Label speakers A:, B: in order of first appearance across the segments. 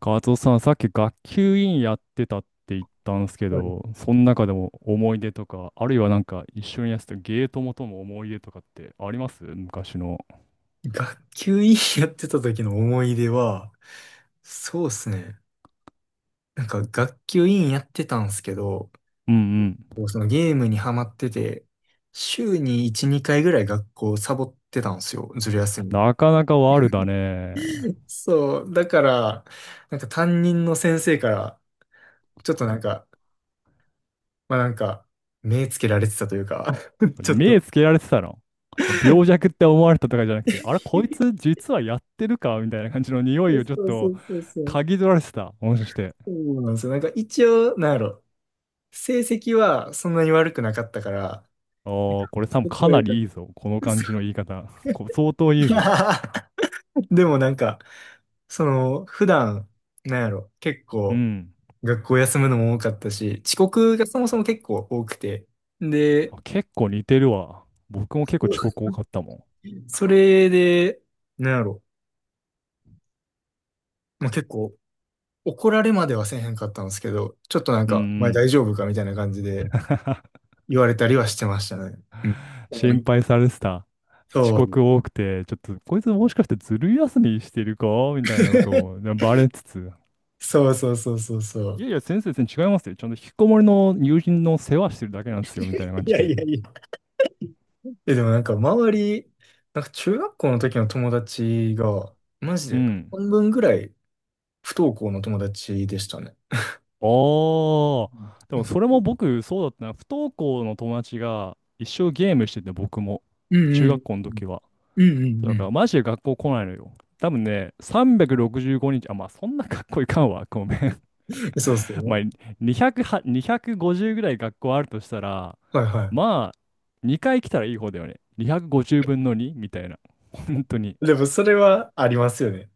A: カツオさん、さっき学級委員やってたって言ったんですけ
B: はい。
A: ど、その中でも思い出とか、あるいはなんか一緒にやってたゲートモとの思い出とかってあります昔の。
B: 学級委員やってた時の思い出は、そうですね。学級委員やってたんですけど、
A: うんうん。
B: そのゲームにハマってて、週に1、2回ぐらい学校サボってたんですよ。ずる休み。
A: なかなか悪だね。
B: そう。だから、担任の先生から、ちょっとなんか、まあなんか、目つけられてたというか、ちょっ
A: 目
B: と
A: つけられてたの。病弱って思われたとかじゃなくて、あれ、こいつ実はやってるかみたいな感じの匂い
B: え、
A: をちょっ
B: そうそ
A: と
B: うそうそう。
A: 嗅ぎ取られてた。もしかして。
B: そうなんですよ。一応、なんやろ、成績はそんなに悪くなかったから、
A: ああ、これ多分
B: そこ
A: か
B: は
A: な
B: よかっ
A: りいいぞ。この
B: たです。
A: 感じの言い方。相当いいぞ。
B: でも、その、普段、なんやろ、結
A: う
B: 構、
A: ん。
B: 学校休むのも多かったし、遅刻がそもそも結構多くて、で、
A: あ、結構似てるわ。僕も結構遅刻多かったも
B: それで、なんやろ、まあ、結構、怒られまではせえへんかったんですけど、ちょっ
A: ん。
B: と
A: うんう
B: お前
A: ん。
B: 大丈夫かみたいな感じで言われたりはしてましたね。うん。重
A: 心
B: い。
A: 配されてた。遅
B: そう。
A: 刻多くて、ちょっとこいつもしかしてずる休みしてるかみたいなことをで バレつつ。
B: そうそうそうそうそ
A: い
B: う。
A: やいや、先生、全然違いますよ。ちゃんと引きこもりの友人の世話してるだけなんですよ、みたいな感
B: い
A: じ
B: や
A: で。
B: いやいや。え、でもなんか周り、なんか中学校の時の友達が、マジ
A: う
B: で
A: ん。
B: 半分ぐらい不登校の友達でしたね。
A: ああ。で
B: う
A: もそれ
B: ん。
A: も僕、そうだったな。不登校の友達が一生ゲームしてて、僕も。
B: うんう
A: 中
B: ん
A: 学校の
B: う
A: 時
B: ん。
A: は。
B: う
A: そう
B: んう
A: だから、
B: ん。
A: マジで学校来ないのよ。多分ね、365日、あ、まあ、そんな学校いかんわ。ごめん。
B: そう。 そう
A: ま
B: ね。
A: あ、200は、250ぐらい学校あるとしたら、
B: はいは
A: まあ、2回来たらいい方だよね。250分の2みたいな。本当に。
B: い。でもそれはありますよね。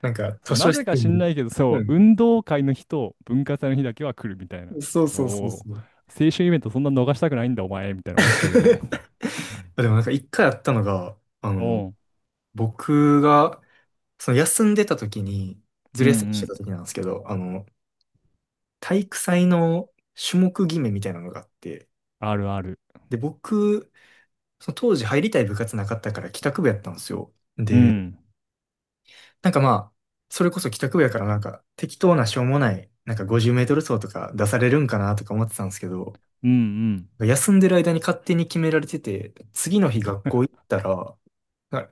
A: そう、
B: 図
A: な
B: 書
A: ぜ
B: 室
A: か知んな
B: に。
A: いけど、そ
B: う
A: う、
B: ん。
A: 運動会の日と文化祭の日だけは来るみたいな。
B: そうそうそう
A: おー、
B: そう。
A: 青春イベントそんな逃したくないんだ、お前、みたいな思ってたけど。うん。
B: でも一回あったのが、
A: おう、
B: 僕が、その休んでた時に、
A: う
B: ず
A: ん
B: る
A: う
B: 休みして
A: ん。
B: た時なんですけど、あの、体育祭の種目決めみたいなのがあって、
A: あるある。
B: で、僕、その当時入りたい部活なかったから帰宅部やったんですよ。
A: う
B: で、
A: ん。
B: なんかまあ、それこそ帰宅部やから適当なしょうもない、50メートル走とか出されるんかなとか思ってたんですけど、
A: うん
B: 休んでる間に勝手に決められてて、次の日学校行ったら、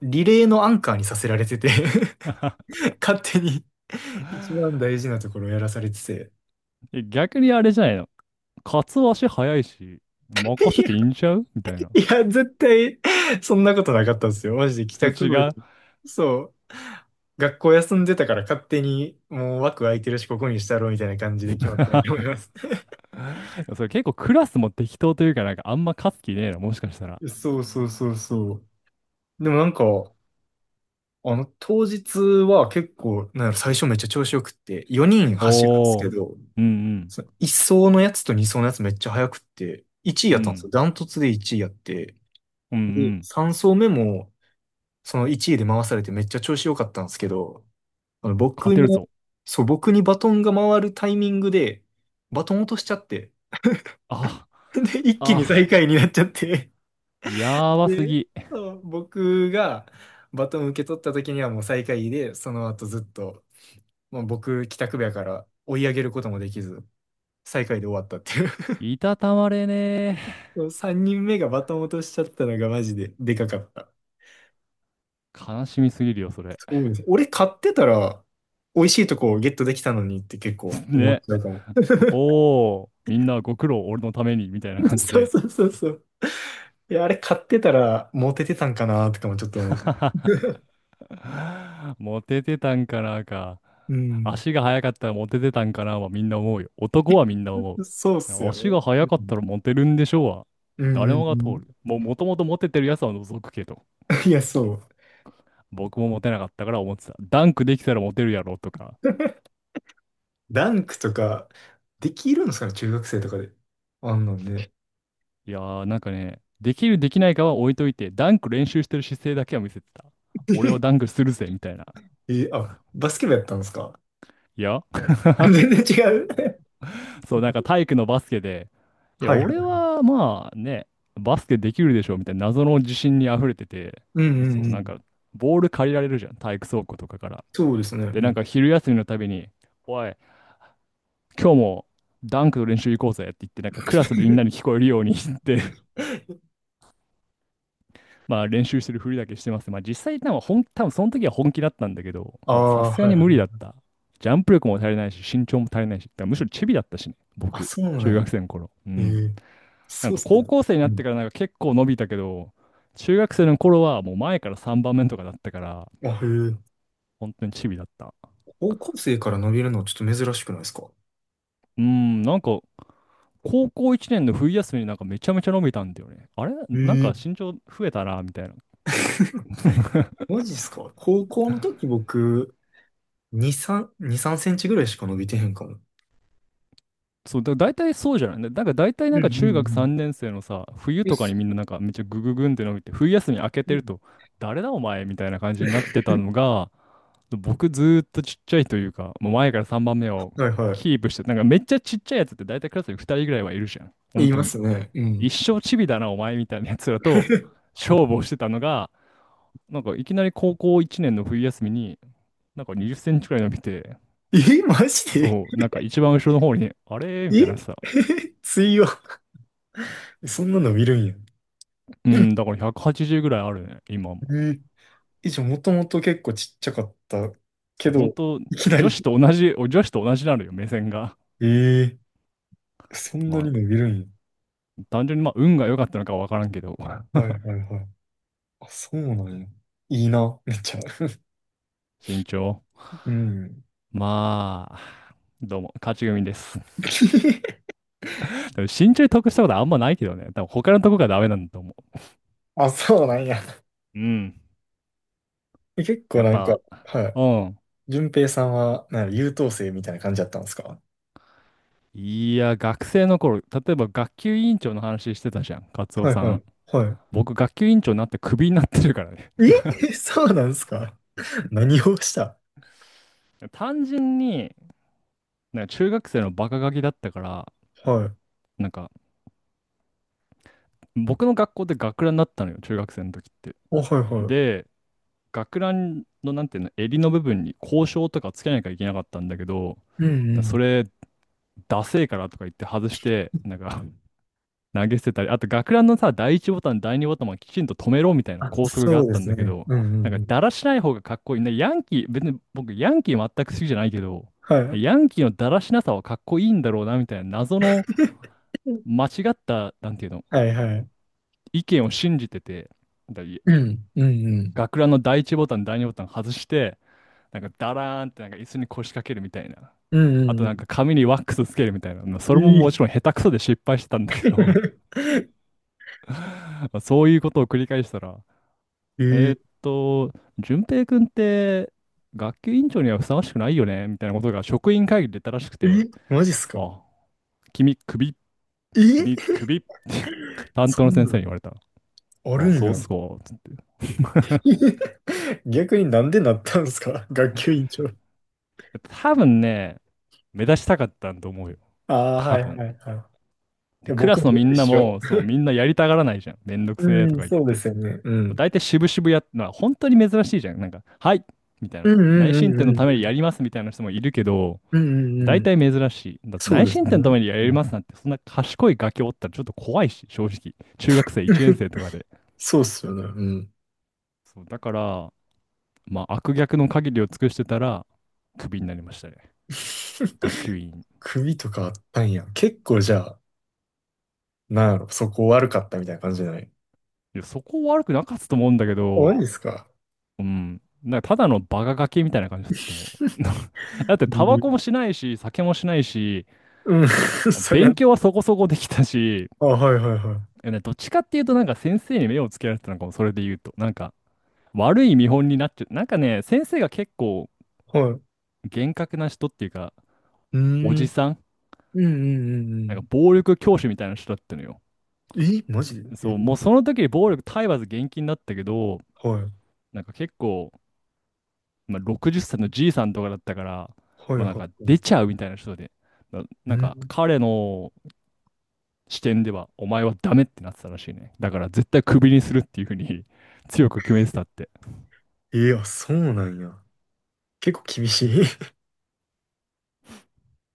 B: リレーのアンカーにさせられてて。
A: うん。
B: 勝手に一番大 事なところをやらされてて。
A: え、逆にあれじゃないの。カツオ足早いし、任せていいんちゃうみたいな。
B: いや、絶対、そんなことなかったんですよ。マジで帰宅
A: 違
B: 部
A: う。
B: で。そう。学校休んでたから勝手に、もう枠空いてるし、ここにしたろ、みたいな感じで決まったんやと思い ます。
A: それ結構クラスも適当というか、なんかあんま勝つ気ねえな、もしかしたら。
B: そうそうそうそう。でも当日は結構、なんやろ、最初めっちゃ調子よくって、4人走るんです
A: お
B: け
A: ー。
B: ど、
A: うんうん。
B: その1走のやつと2走のやつめっちゃ速くって、1位
A: う
B: やったんですよ。
A: ん。
B: ダントツで1位やって。
A: うん
B: で、
A: うん。
B: 3走目も、その1位で回されてめっちゃ調子良かったんですけど、あの
A: 勝
B: 僕
A: てる
B: に、
A: ぞ。
B: そう、僕にバトンが回るタイミングで、バトン落としちゃって、
A: あ、
B: で、一気に最
A: あ、
B: 下位になっちゃって、
A: やばす
B: で、
A: ぎ。
B: そう、僕がバトン受け取った時にはもう最下位で、その後ずっと、まあ、僕、帰宅部やから追い上げることもできず、最下位で終わったっていう。
A: いたたまれねえ。
B: そう、3人目がバトン落としちゃったのがマジででかかった。
A: 悲しみすぎるよ、それ。
B: そうです。俺買ってたら、美味しいとこをゲットできたのにって結構 思っ
A: ね。
B: ちゃうかも。
A: おー。みんなご苦労、俺のために、みたいな 感じ
B: そう
A: で。
B: そうそうそう。いや、あれ買ってたらモテてたんかなとかもちょっと思う。
A: モテてたんかなか。
B: うん。
A: 足が速かったらモテてたんかなはみんな思うよ。男はみんな思
B: そうっす
A: う。
B: よ
A: 足
B: ね。
A: が
B: う
A: 速かっ
B: ん。
A: たらモテるんでしょうは。
B: うん
A: 誰
B: う
A: もが通
B: ん
A: る。もうもともとモテてるやつは除くけど。
B: うん。いや、そう。
A: 僕もモテなかったから思ってた。ダンクできたらモテるやろとか。
B: ダンクとか、できるんですかね、中学生とかで。あんなんで。
A: いやー、なんかね、できるできないかは置いといて、ダンク練習してる姿勢だけは見せてた。俺はダン クするぜみたいな。
B: え、あ、バスケ部やったんですか？
A: いや、
B: 全然違う。
A: そう、なんか体育のバスケで、いや、
B: はいは
A: 俺
B: い。
A: はまあね、バスケできるでしょみたいな謎の自信に溢れてて、
B: うんう
A: そ
B: んう
A: う、なん
B: ん。
A: か、ボール借りられるじゃん、体育倉庫とかから。
B: そうですね。う
A: で、なん
B: ん。
A: か昼休みのたびに、おい、今日もダンクの練習行こうぜって言って、なんかクラスでみんなに聞 こえるように 言って、まあ練習してるふりだけしてます。まあ実際、多分その時は本気だったんだけど、
B: あ
A: まあさ
B: あ、
A: すが
B: はい
A: に
B: は
A: 無理だ
B: い。
A: った。ジャンプ力も足りないし、身長も足りないし、だからむしろチビだったしね、
B: あ、
A: 僕、
B: そうな
A: 中
B: ん
A: 学
B: や。
A: 生の頃。う
B: え
A: ん。
B: ー、
A: な
B: そ
A: ん
B: うっ
A: か
B: す
A: 高
B: よ。
A: 校生に
B: う
A: なっ
B: ん。
A: てからなんか結構伸びたけど、中学生の頃はもう前から3番目とかだったから、
B: あ、へえ。
A: 本当にチビだった。
B: 高校生から伸びるのちょっと珍しくないですか？
A: うーん、なんか高校1年の冬休みになんかめちゃめちゃ伸びたんだよね。あれ、
B: へ
A: なんか
B: え。
A: 身長増えたな、みたいな。
B: マジっすか？高校の時僕、2、3、2、3センチぐらいしか伸びてへんかも。
A: そう、大体そうじゃないだなんか大体
B: う
A: な
B: ん
A: んか
B: うん
A: 中
B: う
A: 学
B: ん。
A: 3年生のさ、冬
B: え、
A: とかに
B: す、
A: みんななんかめっちゃグググンって伸びて、冬休み明け
B: う
A: てる
B: ん。
A: と、誰だお前みたいな感じになってたのが、僕ずーっとちっちゃいというか、もう前から3番目を
B: はいはい。
A: キープして、なんかめっちゃちっちゃいやつって大体クラスに2人ぐらいはいるじゃん。
B: 言
A: 本
B: い
A: 当
B: ま
A: に。
B: すね。う
A: 一
B: ん。
A: 生チビだな、お前みたいなやつらと 勝負をしてたのが、なんかいきなり高校1年の冬休みに、なんか20センチくらい伸びて、
B: え、マジで？
A: そう、なんか一番後ろの方に、あれみたい
B: え。
A: なさ。
B: 水曜。そんな伸びるんや。
A: うん、だから180ぐらいあるね、今も。
B: うん。え、じゃあもともと結構ちっちゃかった
A: そ
B: け
A: う、本
B: ど、
A: 当
B: いきな
A: 女子
B: り。
A: と同じ、女子と同じなのよ、目線が。
B: ええ、そんなに
A: まあ、
B: 伸びるんや。
A: 単純にまあ、運が良かったのかは分からんけど、
B: はい はいはい。あ、そうなんや。いいな、めっちゃ。
A: 身長。
B: うん。
A: まあ、どうも、勝ち組です。でも身長に得したことあんまないけどね。多分他のとこがダメなんだと思
B: あ、そうなんや。
A: う。うん。
B: 結構
A: やっ
B: なんか、
A: ぱ、
B: はい。
A: うん。
B: 順平さんは、なんか優等生みたいな感じだったんですか？
A: いや、学生の頃、例えば学級委員長の話してたじゃん、カツオ
B: はい
A: さ
B: は
A: ん。
B: い。は
A: 僕、学級委員長になってクビになってるからね。
B: い。え。 そうなんですか？何をした？
A: 単純に、なんか中学生のバカガキだったから、
B: はい。
A: なんか、僕の学校で学ランだったのよ、中学生の時って。
B: お、はいはい。
A: で、学ランの、なんていうの、襟の部分に校章とかつけなきゃいけなかったんだけど、
B: うんう
A: そ
B: ん。
A: れダセえからとか言って外して、なんか 投げ捨てたり、あと学ランのさ、第一ボタン、第二ボタンもきちんと止めろみたいな
B: あ、
A: 校則が
B: そ
A: あっ
B: うで
A: たん
B: す
A: だけ
B: ね。
A: ど、
B: うんうん
A: なんか
B: うん。
A: だらしない方がかっこいい。ね、ヤンキー、別に僕ヤンキー全く好きじゃないけど、
B: はい。
A: ヤンキーのだらしなさはかっこいいんだろうなみたいな謎の
B: うん、
A: 間違った、なんていうの、
B: はいはい。
A: 意見を信じてて、だ
B: うん、うんうん。
A: 学ランの第一ボタン、第二ボタン外して、なんかだらーんってなんか椅子に腰掛けるみたいな。
B: うん
A: あと
B: う
A: なん
B: ん
A: か髪にワックスつけるみたいな。まあそ
B: う
A: れも
B: ん。え
A: もち
B: ー。
A: ろん下手くそで失敗してたんだけど そういうことを繰り返したら、
B: え
A: えーっ
B: ー、
A: と、淳平君って学級委員長にはふさわしくないよねみたいなことが職員会議で言ったらしく
B: え、
A: て、
B: マジっすか？
A: あ、君、首、
B: え
A: 君、
B: ー、
A: 首、担
B: そ
A: 当の
B: ん
A: 先
B: なん、
A: 生に言われた。
B: あ
A: あ、
B: るん
A: そうっ
B: や。
A: すか、つって。
B: 逆になんでなったんですか、学級委員長。
A: 多分ね、目指したかったんと思うよ。
B: ああ、
A: 多
B: はい
A: 分。
B: はいはい。い
A: で、
B: や
A: クラ
B: 僕
A: スの
B: も
A: み
B: 一
A: んな
B: 緒。
A: も、そう、みんなやりたがらないじゃん。めんどくせえ
B: う
A: と
B: ん、
A: か言っ
B: そうで
A: て。
B: すよね。う
A: もう
B: ん。
A: 大体渋々やっのは本当に珍しいじゃん。なんか、はいみたいな。
B: うんう
A: 内
B: んうん
A: 申
B: う
A: 点
B: ん
A: のため
B: う
A: に
B: ん。
A: やりますみたいな人もいるけど、
B: うんうんう
A: 大
B: ん。
A: 体珍しい。だって
B: そう
A: 内
B: です
A: 申点のた
B: ね。
A: めにや
B: う
A: り
B: ん。
A: ますなんて、そんな賢いガキおったらちょっと怖いし、正直。中学生1年生とかで。
B: そうっすよね。うん。
A: そう、だから、まあ、悪逆の限りを尽くしてたら、クビになりましたね。学 級委員。
B: 首とかあったんや。結構じゃあ、なんやろ、そこ悪かったみたいな感じじゃない？
A: いや、そこ悪くなかったと思うんだけ
B: あ、マ
A: ど、
B: ジですか？
A: うん。なんかただのバカガキみたいな感じだったと思う。だって、
B: う
A: タバ
B: ん。
A: コもしないし、酒もしないし、
B: うん。 そりゃ。
A: 勉強はそこそこできたし、
B: あ、はいはいは
A: いやね、どっちかっていうと、なんか先生に目をつけられてたのかも、それで言うと。なんか、悪い見本になっちゃう。なんかね、先生が結構
B: い。はい。う
A: 厳格な人っていうか、お
B: ん。う
A: じ
B: ん
A: さん、
B: うんう
A: なんか
B: ん
A: 暴力教師みたいな人だったのよ。
B: うん。え、マジで？え、
A: そう、もうその時に暴力体罰厳禁だったけど、
B: はい。
A: なんか結構、まあ、60歳のじいさんとかだったから、
B: はい
A: まあ、なん
B: は
A: か
B: いはい。
A: 出ちゃうみたいな人で、
B: う
A: なんか
B: ん。
A: 彼の視点ではお前はダメってなってたらしいね。だから絶対クビにするっていうふうに 強く決めてたって。
B: え、あ、そうなんや。結構厳しい。